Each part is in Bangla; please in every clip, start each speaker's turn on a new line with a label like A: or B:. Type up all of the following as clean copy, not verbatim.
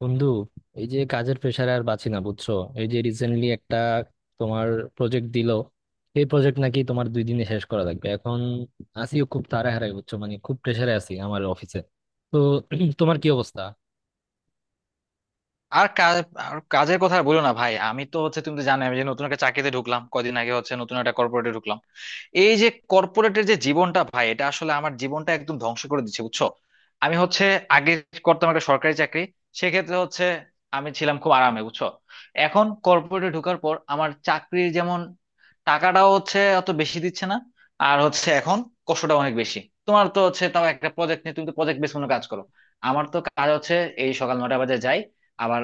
A: বন্ধু, এই যে কাজের প্রেশারে আর বাঁচি না বুঝছো। এই যে রিসেন্টলি একটা তোমার প্রজেক্ট দিল। এই প্রজেক্ট নাকি তোমার দুই দিনে শেষ করা লাগবে এখন, আসিও খুব তাড়াহাড়াই বুঝছো, মানে খুব প্রেশারে আছি আমার অফিসে। তো তোমার কি অবস্থা?
B: আর কাজ আর কাজের কথা আর বলো না, ভাই। আমি তো হচ্ছে, তুমি তো জানো, আমি যে নতুন একটা চাকরিতে ঢুকলাম কদিন আগে। হচ্ছে নতুন একটা কর্পোরেটে ঢুকলাম। এই যে কর্পোরেটের যে জীবনটা, ভাই, এটা আসলে আমার জীবনটা একদম ধ্বংস করে দিচ্ছে, বুঝছো। আমি হচ্ছে আগে করতাম একটা সরকারি চাকরি। সেক্ষেত্রে হচ্ছে আমি ছিলাম খুব আরামে, বুঝছো। এখন কর্পোরেটে ঢোকার পর আমার চাকরির যেমন টাকাটাও হচ্ছে অত বেশি দিচ্ছে না, আর হচ্ছে এখন কষ্টটা অনেক বেশি। তোমার তো হচ্ছে, তাও একটা প্রজেক্ট নিয়ে তুমি তো প্রজেক্ট বেস কোনো কাজ করো। আমার তো কাজ হচ্ছে এই সকাল 9টা বাজে যাই, আবার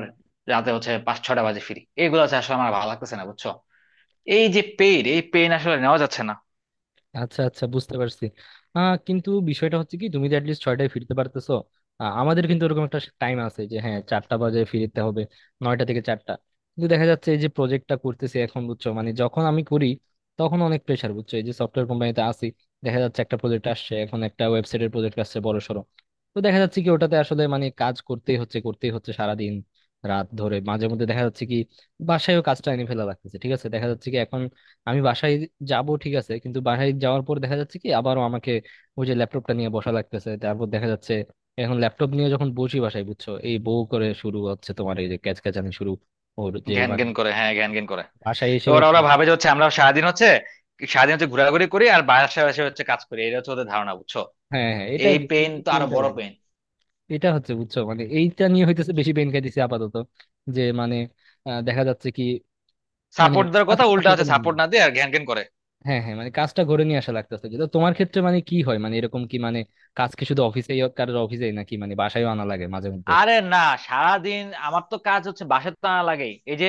B: রাতে হচ্ছে 5-6টা বাজে ফিরি। এগুলো হচ্ছে আসলে আমার ভালো লাগতেছে না, বুঝছো। এই যে পেইন, এই পেইন আসলে নেওয়া যাচ্ছে না।
A: আচ্ছা আচ্ছা, বুঝতে পারছি। কিন্তু বিষয়টা হচ্ছে কি, তুমি তো অ্যাটলিস্ট ছয়টায় ফিরতে পারতেছো। আমাদের কিন্তু ওরকম একটা টাইম আছে যে, হ্যাঁ চারটা বাজে ফিরতে হবে। নয়টা থেকে চারটা। কিন্তু দেখা যাচ্ছে এই যে প্রজেক্টটা করতেছি এখন বুঝছো, মানে যখন আমি করি তখন অনেক প্রেশার বুঝছো, এই যে সফটওয়্যার কোম্পানিতে আসি। দেখা যাচ্ছে একটা প্রজেক্ট আসছে এখন, একটা ওয়েবসাইটের প্রজেক্ট আসছে বড় সড়ো। তো দেখা যাচ্ছে কি ওটাতে আসলে মানে কাজ করতেই হচ্ছে, করতেই হচ্ছে সারাদিন রাত ধরে, মাঝে মধ্যে দেখা যাচ্ছে কি বাসায়ও কাজটা এনে ফেলা লাগতেছে, ঠিক আছে। দেখা যাচ্ছে কি এখন আমি বাসায় যাব ঠিক আছে, কিন্তু বাসায় যাওয়ার পর দেখা যাচ্ছে কি আবারও আমাকে ওই যে ল্যাপটপটা নিয়ে বসা লাগতেছে। তারপর দেখা যাচ্ছে এখন ল্যাপটপ নিয়ে যখন বসি বাসায় বুঝছো, এই বউ করে শুরু হচ্ছে, তোমার এই যে ক্যাচ ক্যাচানি শুরু। ওর যে
B: ঘ্যান
A: মানে
B: ঘ্যান করে, হ্যাঁ, ঘ্যান ঘ্যান করে।
A: বাসায়
B: তো
A: এসেও।
B: ওরা ওরা ভাবে যে হচ্ছে আমরা সারাদিন হচ্ছে, ঘোরাঘুরি করি আর বাসায় বাসায় হচ্ছে কাজ করি। এটা হচ্ছে ওদের ধারণা, বুঝছো।
A: হ্যাঁ হ্যাঁ, এটা
B: এই
A: আর কি,
B: পেন তো আরো
A: পেনটা
B: বড়
A: লাগে।
B: পেন।
A: এটা হচ্ছে বুঝছো, মানে এইটা নিয়ে হইতেছে, বেশি পেন খাইতেছি আপাতত, যে মানে দেখা যাচ্ছে কি, মানে
B: সাপোর্ট দেওয়ার কথা,
A: কাজটা
B: উল্টা
A: হতে
B: হচ্ছে
A: না।
B: সাপোর্ট না দিয়ে আর ঘ্যান ঘ্যান করে।
A: হ্যাঁ হ্যাঁ, মানে কাজটা ঘরে নিয়ে আসা লাগতেছে, কিন্তু তোমার ক্ষেত্রে মানে কি হয়, মানে এরকম কি, মানে কাজ কি শুধু অফিসেই, কারোর অফিসেই নাকি মানে বাসায়ও আনা লাগে মাঝে মধ্যে?
B: আরে না, সারাদিন আমার তো কাজ হচ্ছে, বাসায় তো আনা লাগেই। এই যে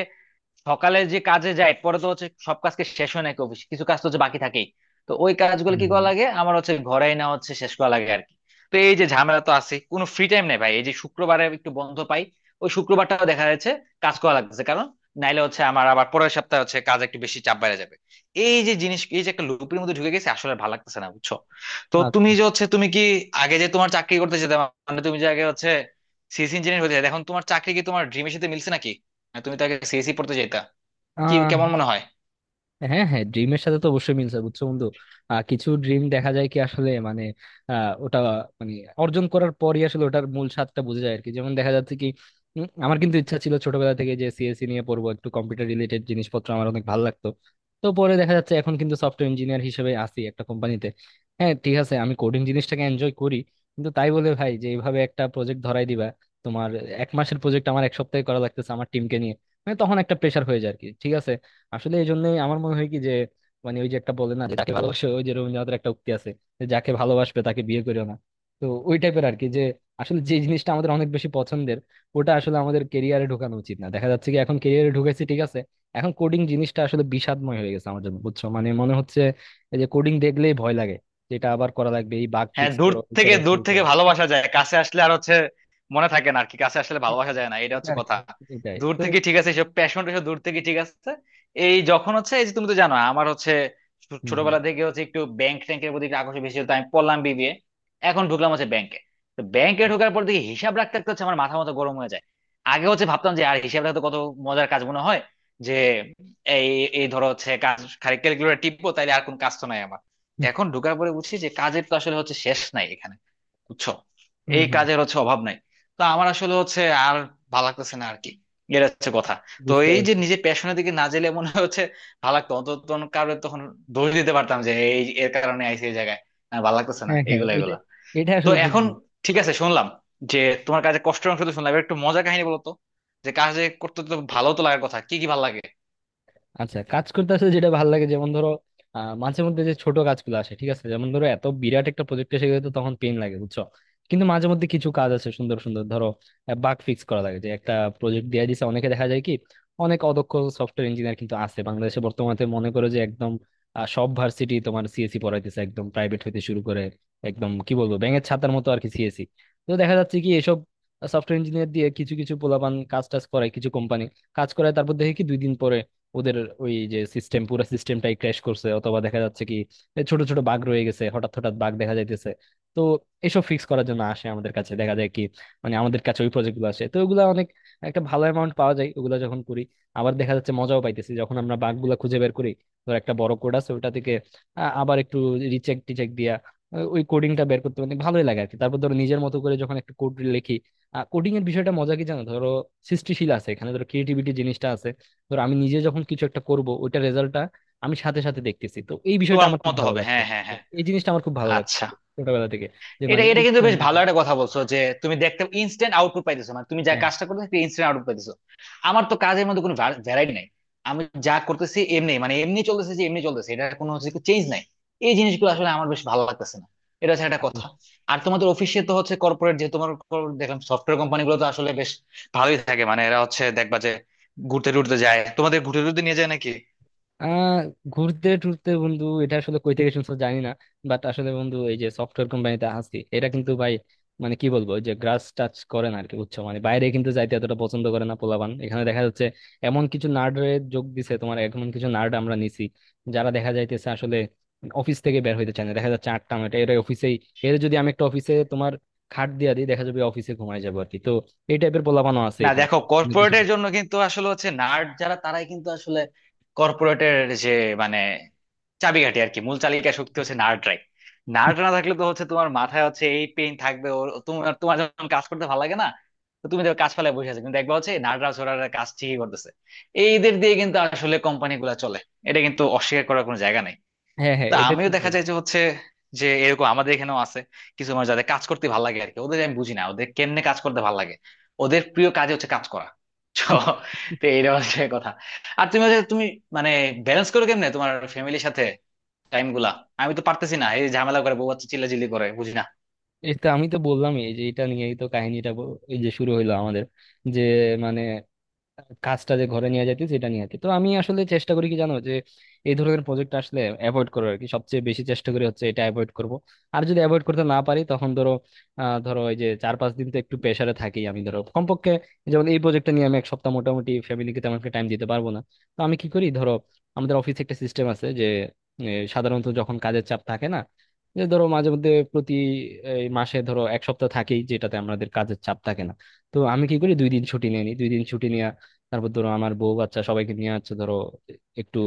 B: সকালে যে কাজে যায়, পরে তো হচ্ছে সব কাজকে শেষ হয় নাকি? অফিস কিছু কাজ তো হচ্ছে বাকি থাকেই। তো ওই কাজগুলো
A: হুম
B: কি করা
A: হুম।
B: লাগে আমার হচ্ছে ঘরে, না হচ্ছে শেষ করা লাগে আর কি। তো এই যে ঝামেলা তো আছে, কোনো ফ্রি টাইম নেই, ভাই। এই যে শুক্রবারে একটু বন্ধ পাই, ওই শুক্রবারটাও দেখা যাচ্ছে কাজ করা লাগছে। কারণ নাইলে হচ্ছে আমার আবার পরের সপ্তাহে হচ্ছে কাজ একটু বেশি চাপ বেড়ে যাবে। এই যে জিনিস, এই যে একটা লুপের মধ্যে ঢুকে গেছে, আসলে ভালো লাগতেছে না, বুঝছো। তো তুমি
A: আচ্ছা।
B: যে হচ্ছে, তুমি কি আগে যে তোমার চাকরি করতে যেতে, মানে তুমি যে আগে হচ্ছে সিএস ইঞ্জিনিয়ার হতে চাইতে, এখন তোমার চাকরি কি তোমার ড্রিমের সাথে মিলছে নাকি? তুমি তাকে সিএসি পড়তে যেতা? কি
A: আহ
B: কেমন মনে হয়?
A: হ্যাঁ হ্যাঁ, ড্রিমের সাথে তো অবশ্যই মিলছে বুঝছো বন্ধু। কিছু ড্রিম দেখা যায় কি আসলে, মানে ওটা মানে অর্জন করার পরই আসলে ওটার মূল স্বাদটা বোঝা যায় আর কি, যেমন দেখা যাচ্ছে কি। আমার কিন্তু ইচ্ছা ছিল ছোটবেলা থেকে যে সিএসসি নিয়ে পড়বো, একটু কম্পিউটার রিলেটেড জিনিসপত্র আমার অনেক ভালো লাগতো। তো পরে দেখা যাচ্ছে এখন কিন্তু সফটওয়্যার ইঞ্জিনিয়ার হিসেবে আছি একটা কোম্পানিতে। হ্যাঁ ঠিক আছে, আমি কোডিং জিনিসটাকে এনজয় করি। কিন্তু তাই বলে ভাই যে এইভাবে একটা প্রজেক্ট ধরাই দিবা? তোমার এক মাসের প্রজেক্ট আমার এক সপ্তাহে করা লাগতেছে আমার টিমকে নিয়ে। মানে তখন একটা প্রেশার হয়ে যায় আর কি, ঠিক আছে। আসলে এই জন্যই আমার মনে হয় কি যে, মানে ওই যে একটা বলে না যে যাকে ভালোবাসো, ওই যে রবীন্দ্রনাথের একটা উক্তি আছে যে যাকে ভালোবাসবে তাকে বিয়ে করিও না। তো ওই টাইপের আর কি, যে আসলে যে জিনিসটা আমাদের অনেক বেশি পছন্দের ওটা আসলে আমাদের কেরিয়ারে ঢোকানো উচিত না। দেখা যাচ্ছে কি এখন কেরিয়ারে ঢুকেছি ঠিক আছে। এখন কোডিং জিনিসটা আসলে বিষাদময় হয়ে গেছে আমার জন্য বুঝছো, মানে মনে হচ্ছে এই যে কোডিং দেখলেই ভয় লাগে, যেটা আবার করা লাগবে, এই বাগ
B: হ্যাঁ,
A: ফিক্স
B: দূর
A: করো, এই
B: থেকে
A: করো
B: দূর
A: সেই
B: থেকে
A: করো।
B: ভালোবাসা যায়, কাছে আসলে আর হচ্ছে মনে থাকে না আর কি। কাছে আসলে ভালোবাসা যায় না, এটা
A: এটা
B: হচ্ছে
A: আর কি,
B: কথা।
A: এটাই
B: দূর
A: তো।
B: থেকে ঠিক আছে, এসব প্যাশন এসব দূর থেকে ঠিক আছে। এই যখন হচ্ছে, এই যে তুমি তো জানো আমার হচ্ছে
A: হম হম।
B: ছোটবেলা থেকে হচ্ছে একটু ব্যাংক ট্যাংকের প্রতি একটু আকর্ষণ বেশি ছিল, তো আমি পড়লাম বিবিএ। এখন ঢুকলাম হচ্ছে ব্যাংকে। তো ব্যাংকে ঢোকার পর দেখি হিসাব রাখতে রাখতে হচ্ছে আমার মাথা মতো গরম হয়ে যায়। আগে হচ্ছে ভাবতাম যে আর হিসাব রাখতে কত মজার কাজ মনে হয়, যে এই এই ধরো হচ্ছে কাজ খালি ক্যালকুলেটর টিপবো, তাইলে আর কোন কাজ তো নাই আমার। এখন ঢোকার পরে বুঝছি যে কাজের তো আসলে হচ্ছে শেষ নাই এখানে, বুঝছো।
A: হম
B: এই
A: হম।
B: কাজের হচ্ছে অভাব নাই। তো আমার আসলে হচ্ছে আর ভালো লাগতেছে না আর কি, এটা হচ্ছে কথা। তো
A: বুঝতে
B: এই যে
A: পারছি।
B: নিজের প্যাশনের দিকে না গেলে মনে হচ্ছে ভালো লাগতো অন্তত, তখন কারণে তখন দোষ দিতে পারতাম যে এই এর কারণে আইসি এই জায়গায়। আর ভালো লাগতেছে না
A: হ্যাঁ হ্যাঁ,
B: এগুলা
A: এটা
B: এগুলা
A: এটা
B: তো
A: আসলে ঠিক।
B: এখন ঠিক আছে, শুনলাম যে তোমার কাজে কষ্টের অংশ তো শুনলাম, এবার একটু মজা কাহিনী বলো তো। যে কাজে করতে তো ভালো তো লাগার কথা, কি কি ভালো লাগে?
A: আচ্ছা, কাজ করতে আসলে যেটা ভালো লাগে, যেমন ধরো, মাঝে মধ্যে যে ছোট কাজগুলো আসে ঠিক আছে, যেমন ধরো এত বিরাট একটা প্রজেক্ট এসে গেলে তো তখন পেন লাগে বুঝছো। কিন্তু মাঝে মধ্যে কিছু কাজ আছে সুন্দর সুন্দর, ধরো বাগ ফিক্স করা লাগে যে একটা প্রজেক্ট দিয়ে দিছে অনেকে, দেখা যায় কি অনেক অদক্ষ সফটওয়্যার ইঞ্জিনিয়ার কিন্তু আছে বাংলাদেশে বর্তমানে। মনে করো যে একদম, সব ভার্সিটি তোমার সিএসি পড়াইতেছে একদম প্রাইভেট হইতে শুরু করে, একদম কি বলবো ব্যাঙের ছাতার মতো আর কি সিএসি। তো দেখা যাচ্ছে কি এসব সফটওয়্যার ইঞ্জিনিয়ার দিয়ে কিছু কিছু পোলাপান কাজ টাজ করায়, কিছু কোম্পানি কাজ করায়, তারপর দেখি কি দুই দিন পরে ওদের ওই যে সিস্টেম পুরো সিস্টেমটাই ক্র্যাশ করছে, অথবা দেখা যাচ্ছে কি এ ছোট ছোট বাগ রয়ে গেছে, হঠাৎ হঠাৎ বাগ দেখা যাইতেছে। তো এসব ফিক্স করার জন্য আসে আমাদের কাছে, দেখা যায় কি মানে আমাদের কাছে ওই প্রজেক্ট গুলো আসে, তো ওগুলা অনেক, একটা ভালো অ্যামাউন্ট পাওয়া যায় ওগুলা যখন করি। আবার দেখা যাচ্ছে মজাও পাইতেছি যখন আমরা বাগ গুলা খুঁজে বের করি। ধর একটা বড় কোড আছে ওটা থেকে আবার একটু রিচেক টিচেক দিয়া ওই কোডিংটা বের করতে অনেক ভালোই লাগে আর কি, তারপর ধরো নিজের মতো করে যখন একটা কোড লিখি। কোডিং এর বিষয়টা মজা কি জানো, ধরো সৃষ্টিশীল আছে এখানে, ধরো ক্রিয়েটিভিটি জিনিসটা আছে। ধর আমি নিজে যখন কিছু একটা করব ওইটার রেজাল্টটা আমি সাথে সাথে দেখতেছি, তো এই বিষয়টা
B: তোমার
A: আমার খুব
B: মতো
A: ভালো
B: হবে,
A: লাগতো।
B: হ্যাঁ, হ্যাঁ, হ্যাঁ।
A: এই জিনিসটা আমার খুব ভালো লাগতো
B: আচ্ছা।
A: ছোটবেলা থেকে, যে
B: এটা
A: মানে
B: এটা কিন্তু
A: ইনস্ট্যান্ট
B: বেশ ভালো
A: যেটা।
B: একটা কথা বলছো যে তুমি দেখতে ইনস্ট্যান্ট আউটপুট পাইতেছো, মানে তুমি যা কাজটা করতেছো ইনস্ট্যান্ট আউটপুট পাইতেছো। আমার তো কাজের মধ্যে কোনো ভ্যারাইটি নাই। আমি যা করতেছি এমনি, মানে এমনি চলতেছে, যে এমনি চলতেছে, এটা কোনো হচ্ছে চেঞ্জ নাই। এই জিনিসগুলো আসলে আমার বেশ ভালো লাগতেছে না, এটা হচ্ছে একটা কথা। আর তোমাদের অফিসে তো হচ্ছে কর্পোরেট, যে তোমার দেখলাম সফটওয়্যার কোম্পানি গুলো তো আসলে বেশ ভালোই থাকে, মানে এরা হচ্ছে দেখবা যে ঘুরতে টুরতে যায়। তোমাদের ঘুরতে টুরতে নিয়ে যায় নাকি?
A: আহ ঘুরতে টুরতে বন্ধু? এটা আসলে কই থেকে শুনছো জানি না। বাট আসলে বন্ধু, এই যে সফটওয়্যার কোম্পানিতে আছি এটা কিন্তু ভাই, মানে কি বলবো, ওই যে গ্রাস টাচ করে না আরকি বুঝছো, মানে বাইরে কিন্তু যাইতে এতটা পছন্দ করে না পোলাপান এখানে দেখা যাচ্ছে। এমন কিছু নার্ডের যোগ দিছে তোমার, এমন কিছু নার্ড আমরা নিছি, যারা দেখা যাইতেছে আসলে অফিস থেকে বের হইতে চায় না। দেখা যাচ্ছে আটটা নয়টা এরা অফিসেই। এর যদি আমি একটা অফিসে তোমার খাট দিয়া দিই দেখা যাবে অফিসে ঘুমায় যাবো আর কি। তো এই টাইপের পোলাপানও আছে
B: না,
A: এখানে।
B: দেখো
A: অনেক কিছু।
B: কর্পোরেটের জন্য কিন্তু আসলে হচ্ছে নার্ড যারা, তারাই কিন্তু আসলে কর্পোরেটের যে, মানে, চাবিকাঠি আর কি, মূল চালিকা শক্তি হচ্ছে নার্ডরাই। নার্ড না থাকলে তো হচ্ছে তোমার মাথায় হচ্ছে এই পেইন থাকবে। ওর, তোমার তোমার যখন কাজ করতে ভালো লাগে না, তো তুমি দেখো কাজ ফেলায় বসে আছো, কিন্তু দেখবা হচ্ছে নার্ডরা ছোড়ারা কাজ ঠিকই করতেছে। এইদের দিয়ে কিন্তু আসলে কোম্পানি গুলা চলে, এটা কিন্তু অস্বীকার করার কোনো জায়গা নাই।
A: হ্যাঁ হ্যাঁ,
B: তা
A: এটা
B: আমিও
A: ঠিক
B: দেখা যায়
A: বলছো।
B: যে হচ্ছে যে এরকম আমাদের এখানেও আছে কিছু মানুষ যাদের কাজ করতে ভালো লাগে আর কি। ওদের আমি বুঝি না, ওদের কেমনে কাজ করতে ভালো লাগে। ওদের প্রিয় কাজে হচ্ছে কাজ করা। তো, তো এইটা হচ্ছে কথা। আর তুমি হচ্ছে তুমি, মানে, ব্যালেন্স করো কেমনে তোমার ফ্যামিলির সাথে টাইম গুলা? আমি তো পারতেছি না, এই ঝামেলা করে বউ বাচ্চা চিল্লাচিল্লি করে, বুঝি না।
A: এটা আমি তো বললামই, এই যে এটা নিয়েই তো কাহিনীটা এই যে শুরু হইলো আমাদের, যে মানে কাজটা যে ঘরে নিয়ে যাইতেছি সেটা নিয়ে আর কি। তো আমি আসলে চেষ্টা করি কি জানো, যে এই ধরনের প্রজেক্ট আসলে অ্যাভয়েড করার আর কি, সবচেয়ে বেশি চেষ্টা করি হচ্ছে এটা অ্যাভয়েড করব। আর যদি অ্যাভয়েড করতে না পারি তখন ধরো, ধরো এই যে চার পাঁচ দিন তো একটু প্রেসারে থাকি আমি ধরো কমপক্ষে। যেমন এই প্রজেক্টটা নিয়ে আমি এক সপ্তাহ মোটামুটি ফ্যামিলিকে তেমন একটা টাইম দিতে পারবো না। তো আমি কি করি ধরো, আমাদের অফিসে একটা সিস্টেম আছে যে, সাধারণত যখন কাজের চাপ থাকে না, যে ধরো মাঝে মধ্যে প্রতি এই মাসে ধরো এক সপ্তাহ থাকেই যেটাতে আমাদের কাজের চাপ থাকে না। তো আমি কি করি, দুই দিন ছুটি নিয়ে নিই, দুই দিন ছুটি। তারপর ধরো আমার বউ বাচ্চা সবাইকে নিয়ে হচ্ছে ধরো একটু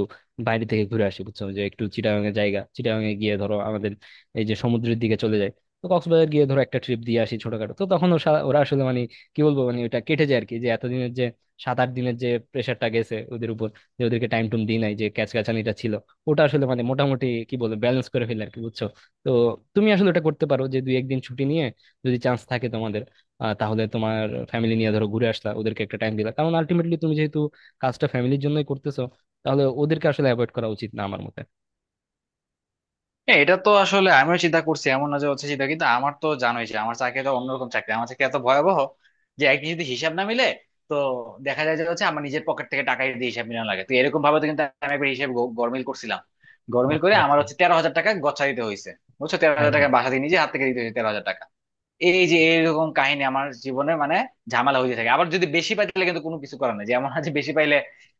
A: বাইরে থেকে ঘুরে আসি বুঝছো, যে একটু চিটাগাং এর জায়গা, চিটাগাং এ গিয়ে ধরো আমাদের এই যে সমুদ্রের দিকে চলে যায়। তো কক্সবাজার গিয়ে ধরো একটা ট্রিপ দিয়ে আসি ছোটখাটো। তো তখন ওরা ওরা আসলে মানে কি বলবো, মানে ওটা কেটে যায় আর কি, যে এতদিনের যে সাত আট দিনের যে প্রেশারটা গেছে ওদের উপর, যে ওদেরকে টাইম টুম দিই নাই, যে ক্যাচ ক্যাচানিটা ছিল ওটা আসলে মানে মোটামুটি কি বলবো ব্যালেন্স করে ফেলে আর কি, বুঝছো। তো তুমি আসলে ওটা করতে পারো যে দুই একদিন ছুটি নিয়ে, যদি চান্স থাকে তোমাদের, তাহলে তোমার ফ্যামিলি নিয়ে ধরো ঘুরে আসলা, ওদেরকে একটা টাইম দিলা, কারণ আলটিমেটলি তুমি যেহেতু কাজটা ফ্যামিলির জন্যই করতেছো, তাহলে ওদেরকে আসলে অ্যাভয়েড করা উচিত না আমার মতে।
B: হ্যাঁ, এটা তো আসলে আমিও চিন্তা করছি। এমন না যে হচ্ছে চিন্তা, কিন্তু আমার তো জানোই যে আমার চাকরিটা অন্যরকম চাকরি। আমার চাকরি এত ভয়াবহ যে একদিন যদি হিসাব না মিলে, তো দেখা যায় যে হচ্ছে আমার নিজের পকেট থেকে টাকা দিয়ে হিসাব মিলানো লাগে। তো এরকম ভাবে তো কিন্তু আমি একবার হিসাব গরমিল করছিলাম। গরমিল করে
A: আচ্ছা
B: আমার
A: আচ্ছা।
B: হচ্ছে 13,000 টাকা গচ্ছা দিতে হয়েছে। বুঝছো, তেরো
A: হ্যাঁ
B: হাজার টাকা
A: হ্যাঁ।
B: বাসা দিয়ে নিজে হাত থেকে দিতে হয়েছে, 13,000 টাকা। এই যে এরকম কাহিনী আমার জীবনে, মানে, ঝামেলা হয়ে থাকে। আবার যদি বেশি পাই তাহলে কিন্তু কোনো কিছু করার নাই, যে এমন আছে বেশি পাইলে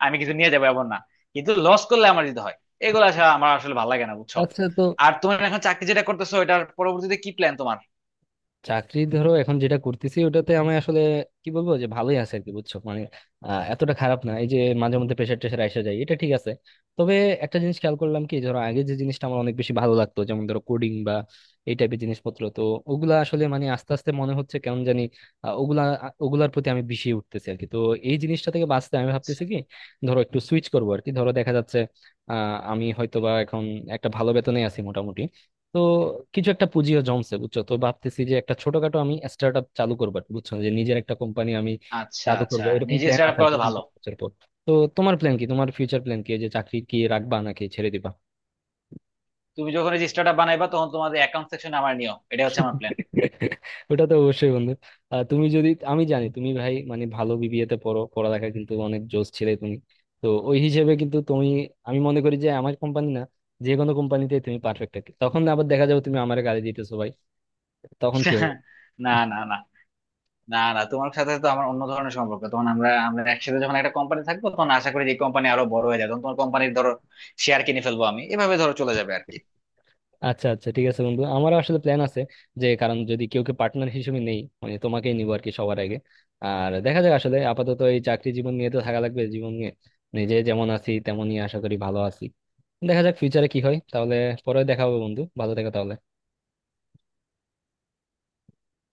B: আমি কিছু নিয়ে যাবো, এমন না। কিন্তু লস করলে আমার যেতে হয়। এগুলো আসলে আমার আসলে ভালো লাগে না, বুঝছো।
A: আচ্ছা, তো
B: আর তোমার এখন চাকরি যেটা করতেছো, এটার পরবর্তীতে কি প্ল্যান তোমার?
A: চাকরি ধরো এখন যেটা করতেছি ওটাতে আমি আসলে কি বলবো, যে ভালোই আছে আর কি বুঝছো, মানে এতটা খারাপ না। এই যে মাঝে মধ্যে প্রেশার টেশার আসা যায় এটা ঠিক আছে। তবে একটা জিনিস খেয়াল করলাম কি, ধরো আগে যে জিনিসটা আমার অনেক বেশি ভালো লাগতো যেমন ধরো কোডিং বা এই টাইপের জিনিসপত্র, তো ওগুলা আসলে মানে আস্তে আস্তে মনে হচ্ছে কেমন জানি, আহ, ওগুলা ওগুলার প্রতি আমি বিষিয়ে উঠতেছি আর কি। তো এই জিনিসটা থেকে বাঁচতে আমি ভাবতেছি
B: আচ্ছা,
A: কি, ধরো একটু সুইচ করবো আর কি, ধরো দেখা যাচ্ছে আহ আমি হয়তো বা এখন একটা ভালো বেতনে আছি মোটামুটি, তো কিছু একটা পুঁজিও জমছে বুঝছো, তো ভাবতেছি যে একটা ছোটখাটো আমি স্টার্ট আপ চালু করবো আর কি, বুঝছো, যে নিজের একটা কোম্পানি আমি
B: আচ্ছা,
A: চালু
B: আচ্ছা,
A: করবো, এরকম
B: নিজে
A: প্ল্যান
B: স্টার্ট আপ
A: আছে আর
B: করা
A: কি
B: তো
A: দুই
B: ভালো।
A: তিন বছর পর। তো তোমার প্ল্যান কি, তোমার ফিউচার প্ল্যান কি, এই যে চাকরি কি রাখবা নাকি ছেড়ে দিবা?
B: তুমি যখন এই যে স্টার্ট আপ বানাইবা তখন তোমাদের অ্যাকাউন্ট সেকশনে আমার নিও, এটা হচ্ছে আমার প্ল্যান।
A: ওটা তো অবশ্যই বন্ধু। তুমি যদি, আমি জানি তুমি ভাই মানে ভালো বিবিএ তে পড়ো, পড়ালেখা কিন্তু অনেক জোশ ছিলে তুমি। তো ওই হিসেবে কিন্তু তুমি, আমি মনে করি যে আমার কোম্পানি না, যে কোনো কোম্পানিতে তুমি পারফেক্ট আর কি। তখন আবার দেখা যাবে তুমি আমার গালি দিতেছো ভাই, তখন কি হবে?
B: না, না, না, না, না, তোমার সাথে তো আমার অন্য ধরনের সম্পর্ক। তখন আমরা আমরা একসাথে যখন একটা কোম্পানি থাকবো, তখন আশা করি যে কোম্পানি আরো বড় হয়ে যাবে। তখন তোমার কোম্পানির ধরো শেয়ার কিনে ফেলবো আমি, এভাবে ধরো চলে যাবে আর কি
A: আচ্ছা আচ্ছা, ঠিক আছে বন্ধু, আমারও আসলে প্ল্যান আছে। যে কারণ যদি কেউ কে পার্টনার হিসেবে নেই মানে তোমাকেই নিবো আর কি, সবার আগে। আর দেখা যাক আসলে, আপাতত এই চাকরি জীবন নিয়ে তো থাকা লাগবে। জীবন নিয়ে নিজে যেমন আছি তেমনই আশা করি ভালো আছি। দেখা যাক ফিউচারে কি হয়। তাহলে পরে দেখা হবে বন্ধু, ভালো থেকো তাহলে।